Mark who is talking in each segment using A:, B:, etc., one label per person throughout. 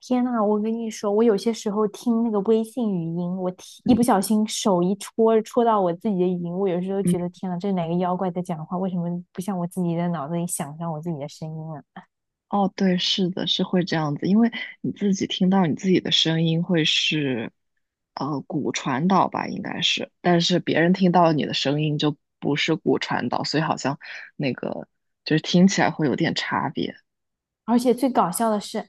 A: 天呐，我跟你说，我有些时候听那个微信语音，我听一不小心手一戳到我自己的语音，我有时候
B: 嗯，
A: 觉得天呐，这是哪个妖怪在讲话？为什么不像我自己的脑子里想象我自己的声音啊？
B: 哦，对，是的，是会这样子，因为你自己听到你自己的声音会是，骨传导吧，应该是，但是别人听到你的声音就不是骨传导，所以好像那个就是听起来会有点差别。
A: 而且最搞笑的是，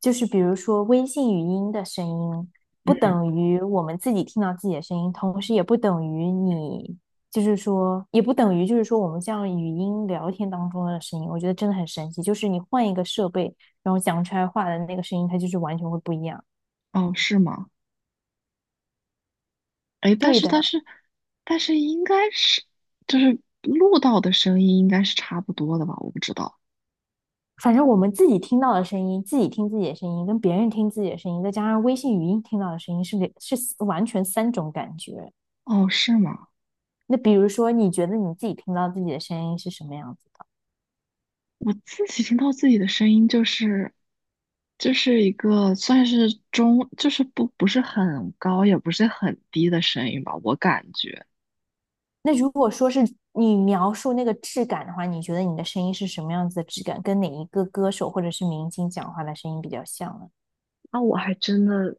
A: 就是比如说微信语音的声音，不
B: 嗯，
A: 等于我们自己听到自己的声音，同时也不等于你，就是说，也不等于就是说我们像语音聊天当中的声音。我觉得真的很神奇，就是你换一个设备，然后讲出来话的那个声音，它就是完全会不一样。
B: 哦，是吗？哎，但
A: 对
B: 是但
A: 的，
B: 是但是应该是就是录到的声音应该是差不多的吧？我不知道。
A: 反正我们自己听到的声音，自己听自己的声音，跟别人听自己的声音，再加上微信语音听到的声音是，是完全三种感觉。
B: 哦，是吗？
A: 那比如说，你觉得你自己听到自己的声音是什么样子的？
B: 我自己听到自己的声音，就是一个算是中，就是不是很高，也不是很低的声音吧，我感觉。
A: 那如果说是你描述那个质感的话，你觉得你的声音是什么样子的质感？跟哪一个歌手或者是明星讲话的声音比较像呢？
B: 那我还真的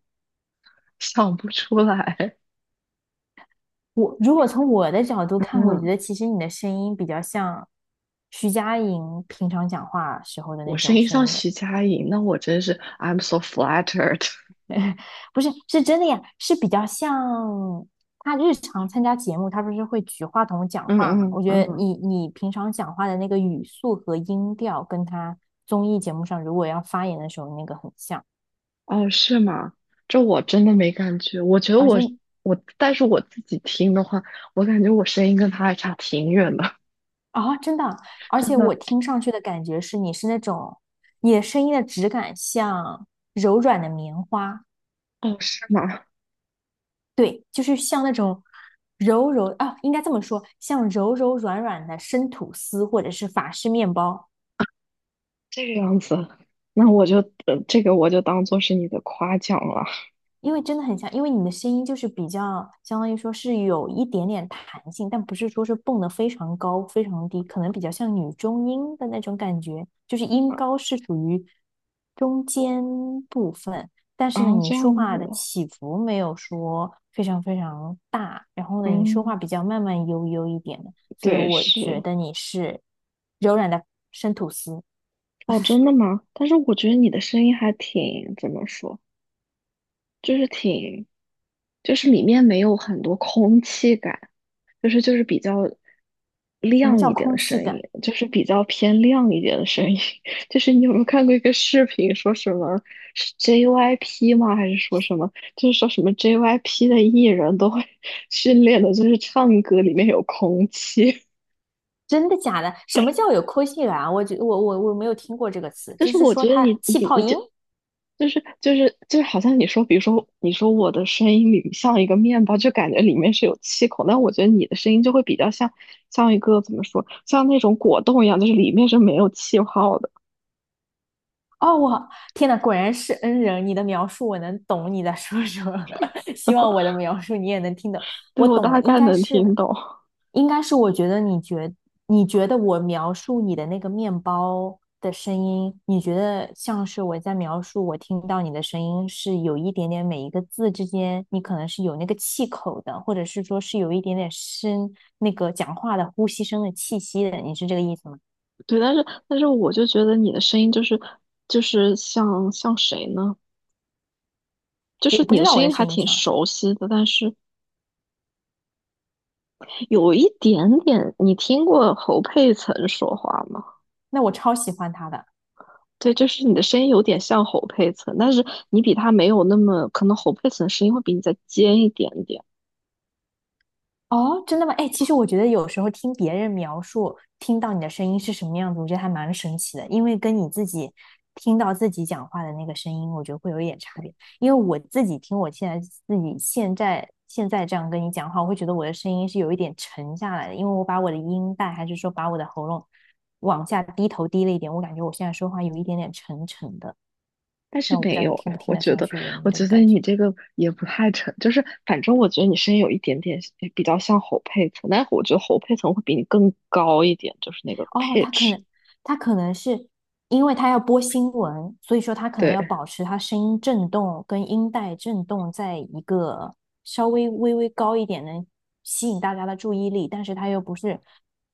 B: 想不出来，
A: 我如果从我的角度 看，我觉
B: 嗯
A: 得其实你的声音比较像徐佳莹平常讲话时候的
B: 我
A: 那
B: 声
A: 种
B: 音
A: 声
B: 像
A: 音的。
B: 徐佳莹，那我真是 I'm so flattered。
A: 不是，是真的呀，是比较像他日常参加节目，他不是会举话筒 讲
B: 嗯
A: 话嘛？
B: 嗯
A: 我觉得
B: 嗯，
A: 你平常讲话的那个语速和音调，跟他综艺节目上如果要发言的时候那个很像，
B: 哦，是吗？这我真的没感觉。我觉得
A: 而
B: 我
A: 且
B: 我，但是我自己听的话，我感觉我声音跟他还差挺远的，
A: 啊、真的，而
B: 真
A: 且我
B: 的。
A: 听上去的感觉是你是那种你的声音的质感像柔软的棉花，
B: 哦，是吗？
A: 对，就是像那种。柔柔啊，应该这么说，像柔柔软软的生吐司或者是法式面包，
B: 这个样子，那我就这个我就当做是你的夸奖了。
A: 因为真的很像，因为你的声音就是比较，相当于说是有一点点弹性，但不是说是蹦得非常高、非常低，可能比较像女中音的那种感觉，就是音高是属于中间部分，但是呢，
B: 啊，
A: 你
B: 这样
A: 说话的
B: 子，
A: 起伏没有说非常非常大，然后呢，你说话
B: 嗯，
A: 比较慢慢悠悠一点的，所以
B: 对，
A: 我
B: 是，
A: 觉得你是柔软的生吐司。
B: 哦，真的吗？但是我觉得你的声音还挺，怎么说，就是挺，就是里面没有很多空气感，就是比较
A: 什么
B: 亮
A: 叫
B: 一点的
A: 空气
B: 声音，
A: 感？
B: 就是比较偏亮一点的声音。就是你有没有看过一个视频，说什么是 JYP 吗？还是说什么？就是说什么 JYP 的艺人都会 训练的，就是唱歌里面有空气。
A: 真的假的？什么叫有抠性源啊？我觉我我我没有听过这个词，
B: 但
A: 就
B: 是
A: 是
B: 我
A: 说
B: 觉得
A: 它
B: 你
A: 气
B: 你
A: 泡
B: 你就。
A: 音。
B: 就是，好像你说，比如说你说我的声音里像一个面包，就感觉里面是有气孔，但我觉得你的声音就会比较像像一个怎么说，像那种果冻一样，就是里面是没有气泡的。
A: 哦，我天呐，果然是恩人！你的描述我能懂你在说什么，希望我的描述你也能听懂。
B: 对，
A: 我
B: 我
A: 懂了，
B: 大
A: 应
B: 概
A: 该
B: 能听
A: 是，
B: 懂。
A: 应该是，我觉得你觉你觉得我描述你的那个面包的声音，你觉得像是我在描述我听到你的声音是有一点点每一个字之间，你可能是有那个气口的，或者是说是有一点点声那个讲话的呼吸声的气息的，你是这个意思吗？
B: 对，但是我就觉得你的声音就是像谁呢？就
A: 我
B: 是
A: 不
B: 你
A: 知
B: 的
A: 道
B: 声
A: 我的
B: 音还
A: 声音
B: 挺
A: 像是，
B: 熟悉的，但是有一点点，你听过侯佩岑说话吗？
A: 那我超喜欢他的。
B: 对，就是你的声音有点像侯佩岑，但是你比他没有那么，可能侯佩岑声音会比你再尖一点点。
A: 哦，真的吗？哎，其实我觉得有时候听别人描述，听到你的声音是什么样子，我觉得还蛮神奇的，因为跟你自己听到自己讲话的那个声音，我觉得会有一点差别。因为我自己听我现在自己现在这样跟你讲话，我会觉得我的声音是有一点沉下来的，因为我把我的音带还是说把我的喉咙往下低头低了一点，我感觉我现在说话有一点点沉沉的，
B: 但
A: 虽
B: 是
A: 然我不知
B: 没
A: 道你
B: 有，
A: 听不听
B: 我
A: 得
B: 觉
A: 上
B: 得，
A: 去，有没有
B: 我
A: 这个
B: 觉得
A: 感觉。
B: 你这个也不太成，就是反正我觉得你声音有一点点比较像侯佩岑，但是我觉得侯佩岑会比你更高一点，就是那个
A: 哦，
B: pitch。
A: 他可能是因为他要播新闻，所以说他可能
B: 对
A: 要保持他声音震动跟音带震动在一个稍微微微高一点，能吸引大家的注意力，但是他又不是，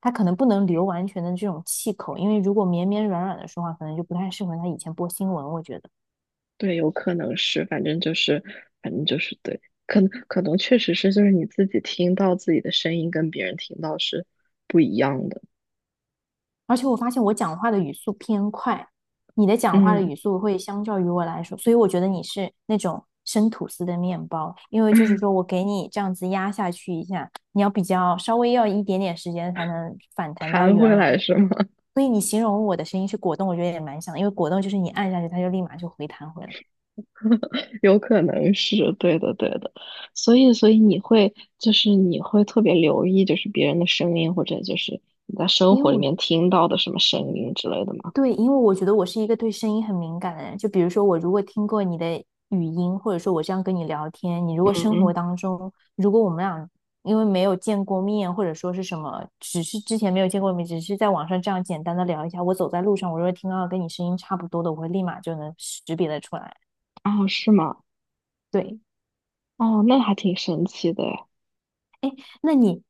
A: 他可能不能留完全的这种气口，因为如果绵绵软软的说话，可能就不太适合他以前播新闻，我觉得。
B: 对，有可能是，反正就是对，可能确实是，就是你自己听到自己的声音跟别人听到是不一样的。
A: 而且我发现我讲话的语速偏快，你的讲话的
B: 嗯，
A: 语速会相较于我来说，所以我觉得你是那种生吐司的面包，因为就是说我 给你这样子压下去一下，你要比较稍微要一点点时间才能反弹到
B: 弹
A: 原
B: 回
A: 来
B: 来
A: 的。
B: 是吗？
A: 所以你形容我的声音是果冻，我觉得也蛮像的因为果冻就是你按下去，它就立马就回弹回来。
B: 有可能是对的，对的。所以你会就是你会特别留意就是别人的声音，或者就是你在生
A: 因为
B: 活里面
A: 我
B: 听到的什么声音之类的吗？
A: 对，因为我觉得我是一个对声音很敏感的人。就比如说，我如果听过你的语音，或者说我这样跟你聊天，你如
B: 嗯
A: 果生活
B: 嗯，
A: 当中，如果我们俩因为没有见过面，或者说是什么，只是之前没有见过面，只是在网上这样简单的聊一下，我走在路上，我如果听到跟你声音差不多的，我会立马就能识别的出来。
B: 哦，是吗？
A: 对，
B: 哦，那还挺神奇的诶，
A: 哎，那你，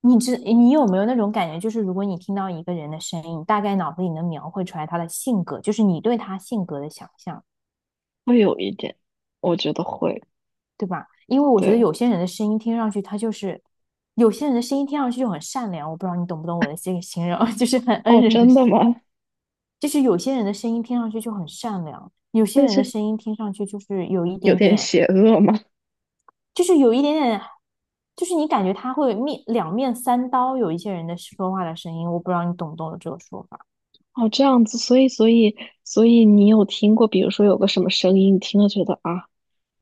A: 你知你有没有那种感觉，就是如果你听到一个人的声音，大概脑子里能描绘出来他的性格，就是你对他性格的想象？
B: 会有一点，我觉得会。
A: 对吧？因为我觉得
B: 对，
A: 有些人的声音听上去，他就是有些人的声音听上去就很善良，我不知道你懂不懂我的这个形容，就是很恩
B: 哦，
A: 人的，
B: 真的吗？
A: 就是有些人的声音听上去就很善良，有些
B: 那
A: 人的
B: 是
A: 声音听上去就是有一
B: 有
A: 点
B: 点
A: 点，
B: 邪恶吗？
A: 就是有一点点，就是你感觉他会面两面三刀。有一些人的说话的声音，我不知道你懂不懂我这个说法。
B: 哦，这样子，所以你有听过，比如说有个什么声音，你听了觉得啊。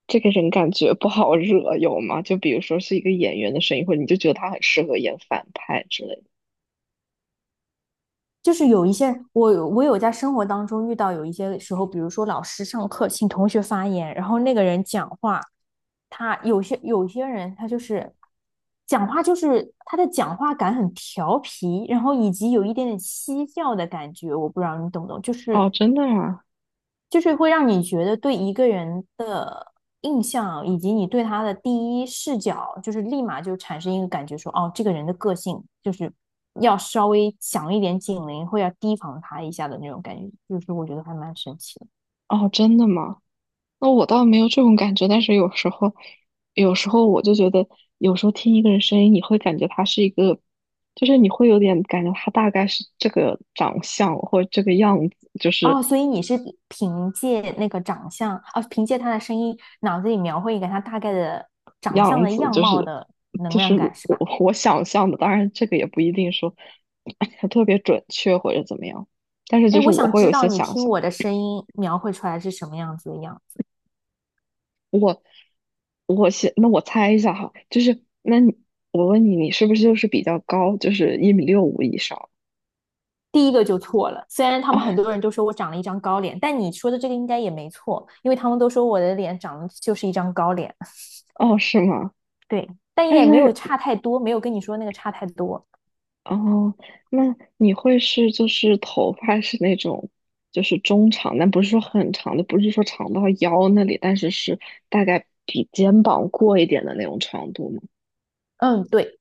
B: 这个人感觉不好惹，有吗？就比如说是一个演员的声音，或者你就觉得他很适合演反派之类的。
A: 就是有一些人我有在生活当中遇到有一些时候，比如说老师上课请同学发言，然后那个人讲话，他有些人他就是讲话就是他的讲话感很调皮，然后以及有一点点嬉笑的感觉，我不知道你懂不懂，
B: 哦，真的啊？
A: 就是会让你觉得对一个人的印象以及你对他的第一视角，就是立马就产生一个感觉说，哦，这个人的个性就是要稍微响一点警铃，会要提防他一下的那种感觉，就是我觉得还蛮神奇的。
B: 哦，真的吗？那我倒没有这种感觉，但是有时候我就觉得，有时候听一个人声音，你会感觉他是一个，就是你会有点感觉他大概是这个长相或者这个样子，就是
A: 哦，所以你是凭借那个长相，啊，凭借他的声音，脑子里描绘一个他大概的长相
B: 样
A: 的
B: 子，
A: 样
B: 就
A: 貌
B: 是
A: 的能
B: 就是
A: 量感，是
B: 我
A: 吧？
B: 我想象的，当然这个也不一定说 特别准确或者怎么样，但是就
A: 哎，
B: 是
A: 我
B: 我
A: 想
B: 会
A: 知
B: 有
A: 道
B: 些
A: 你
B: 想
A: 听
B: 象，
A: 我的声音描绘出来是什么样子的样子。
B: 我先那我猜一下哈，就是那你我问你，你是不是就是比较高，就是1.65米以上？
A: 第一个就错了，虽然 他们很
B: 哦
A: 多人都说我长了一张高脸，但你说的这个应该也没错，因为他们都说我的脸长得就是一张高脸，
B: 哦，是吗？
A: 对，但
B: 但
A: 也
B: 是它
A: 没有
B: 是
A: 差太多，没有跟你说那个差太多。
B: 哦，那你会是就是头发是那种就是中长，但不是说很长的，不是说长到腰那里，但是是大概比肩膀过一点的那种长度吗？
A: 嗯，对。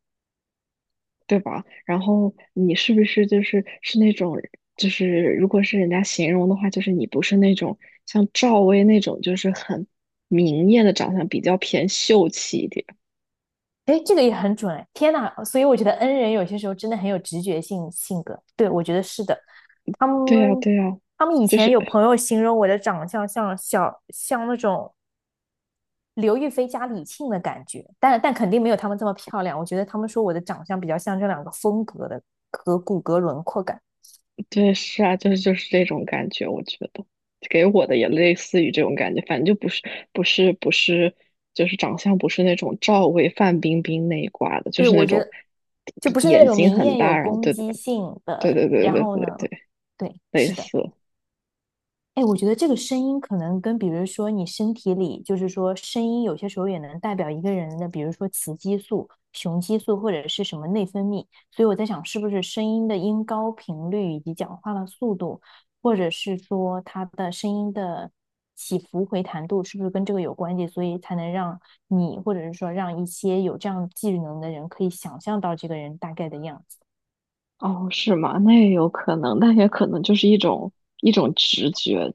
B: 对吧？然后你是不是就是是那种，就是如果是人家形容的话，就是你不是那种像赵薇那种，就是很明艳的长相，比较偏秀气一点。
A: 哎，这个也很准哎！天呐，所以我觉得 N 人有些时候真的很有直觉性格。对，我觉得是的。他
B: 对呀，
A: 们
B: 对呀，
A: 他们以
B: 就
A: 前
B: 是
A: 有朋友形容我的长相像那种刘亦菲加李沁的感觉，但肯定没有他们这么漂亮。我觉得他们说我的长相比较像这两个风格的和骨骼轮廓感。
B: 对，是啊，就是这种感觉，我觉得给我的也类似于这种感觉，反正就不是不是不是，就是长相不是那种赵薇、范冰冰那一挂的，就
A: 对，
B: 是那
A: 我觉
B: 种
A: 得就不是那
B: 眼
A: 种
B: 睛
A: 明
B: 很
A: 艳有
B: 大，然后
A: 攻
B: 对的，
A: 击性
B: 对
A: 的。
B: 对对
A: 然
B: 对
A: 后
B: 对
A: 呢，
B: 对，
A: 对，
B: 类
A: 是的。
B: 似。
A: 哎，我觉得这个声音可能跟，比如说你身体里，就是说声音有些时候也能代表一个人的，比如说雌激素、雄激素或者是什么内分泌。所以我在想，是不是声音的音高频率以及讲话的速度，或者是说他的声音的起伏回弹度，是不是跟这个有关系？所以才能让你，或者是说让一些有这样技能的人，可以想象到这个人大概的样子。
B: 哦，是吗？那也有可能，那也可能就是一种直觉。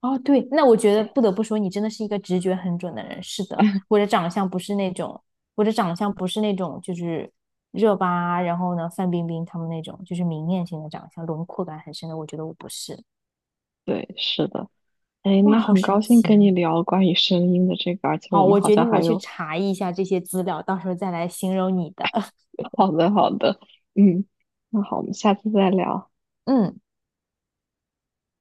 A: 哦，对，那我觉得不得不说，你真的是一个直觉很准的人。是的，我 的长相不是那种，我的长相不是那种，就是热巴，然后呢，范冰冰他们那种，就是明艳型的长相，轮廓感很深的。我觉得我不是。
B: 对，是的。哎，
A: 哇，
B: 那
A: 好
B: 很高
A: 神
B: 兴
A: 奇
B: 跟你
A: 哦！
B: 聊关于声音的这个，而且
A: 好，
B: 我们
A: 我
B: 好
A: 决
B: 像
A: 定我
B: 还
A: 去
B: 有
A: 查一下这些资料，到时候再来形容你的。
B: 好的好的，嗯，那好，我们下次再聊。
A: 嗯。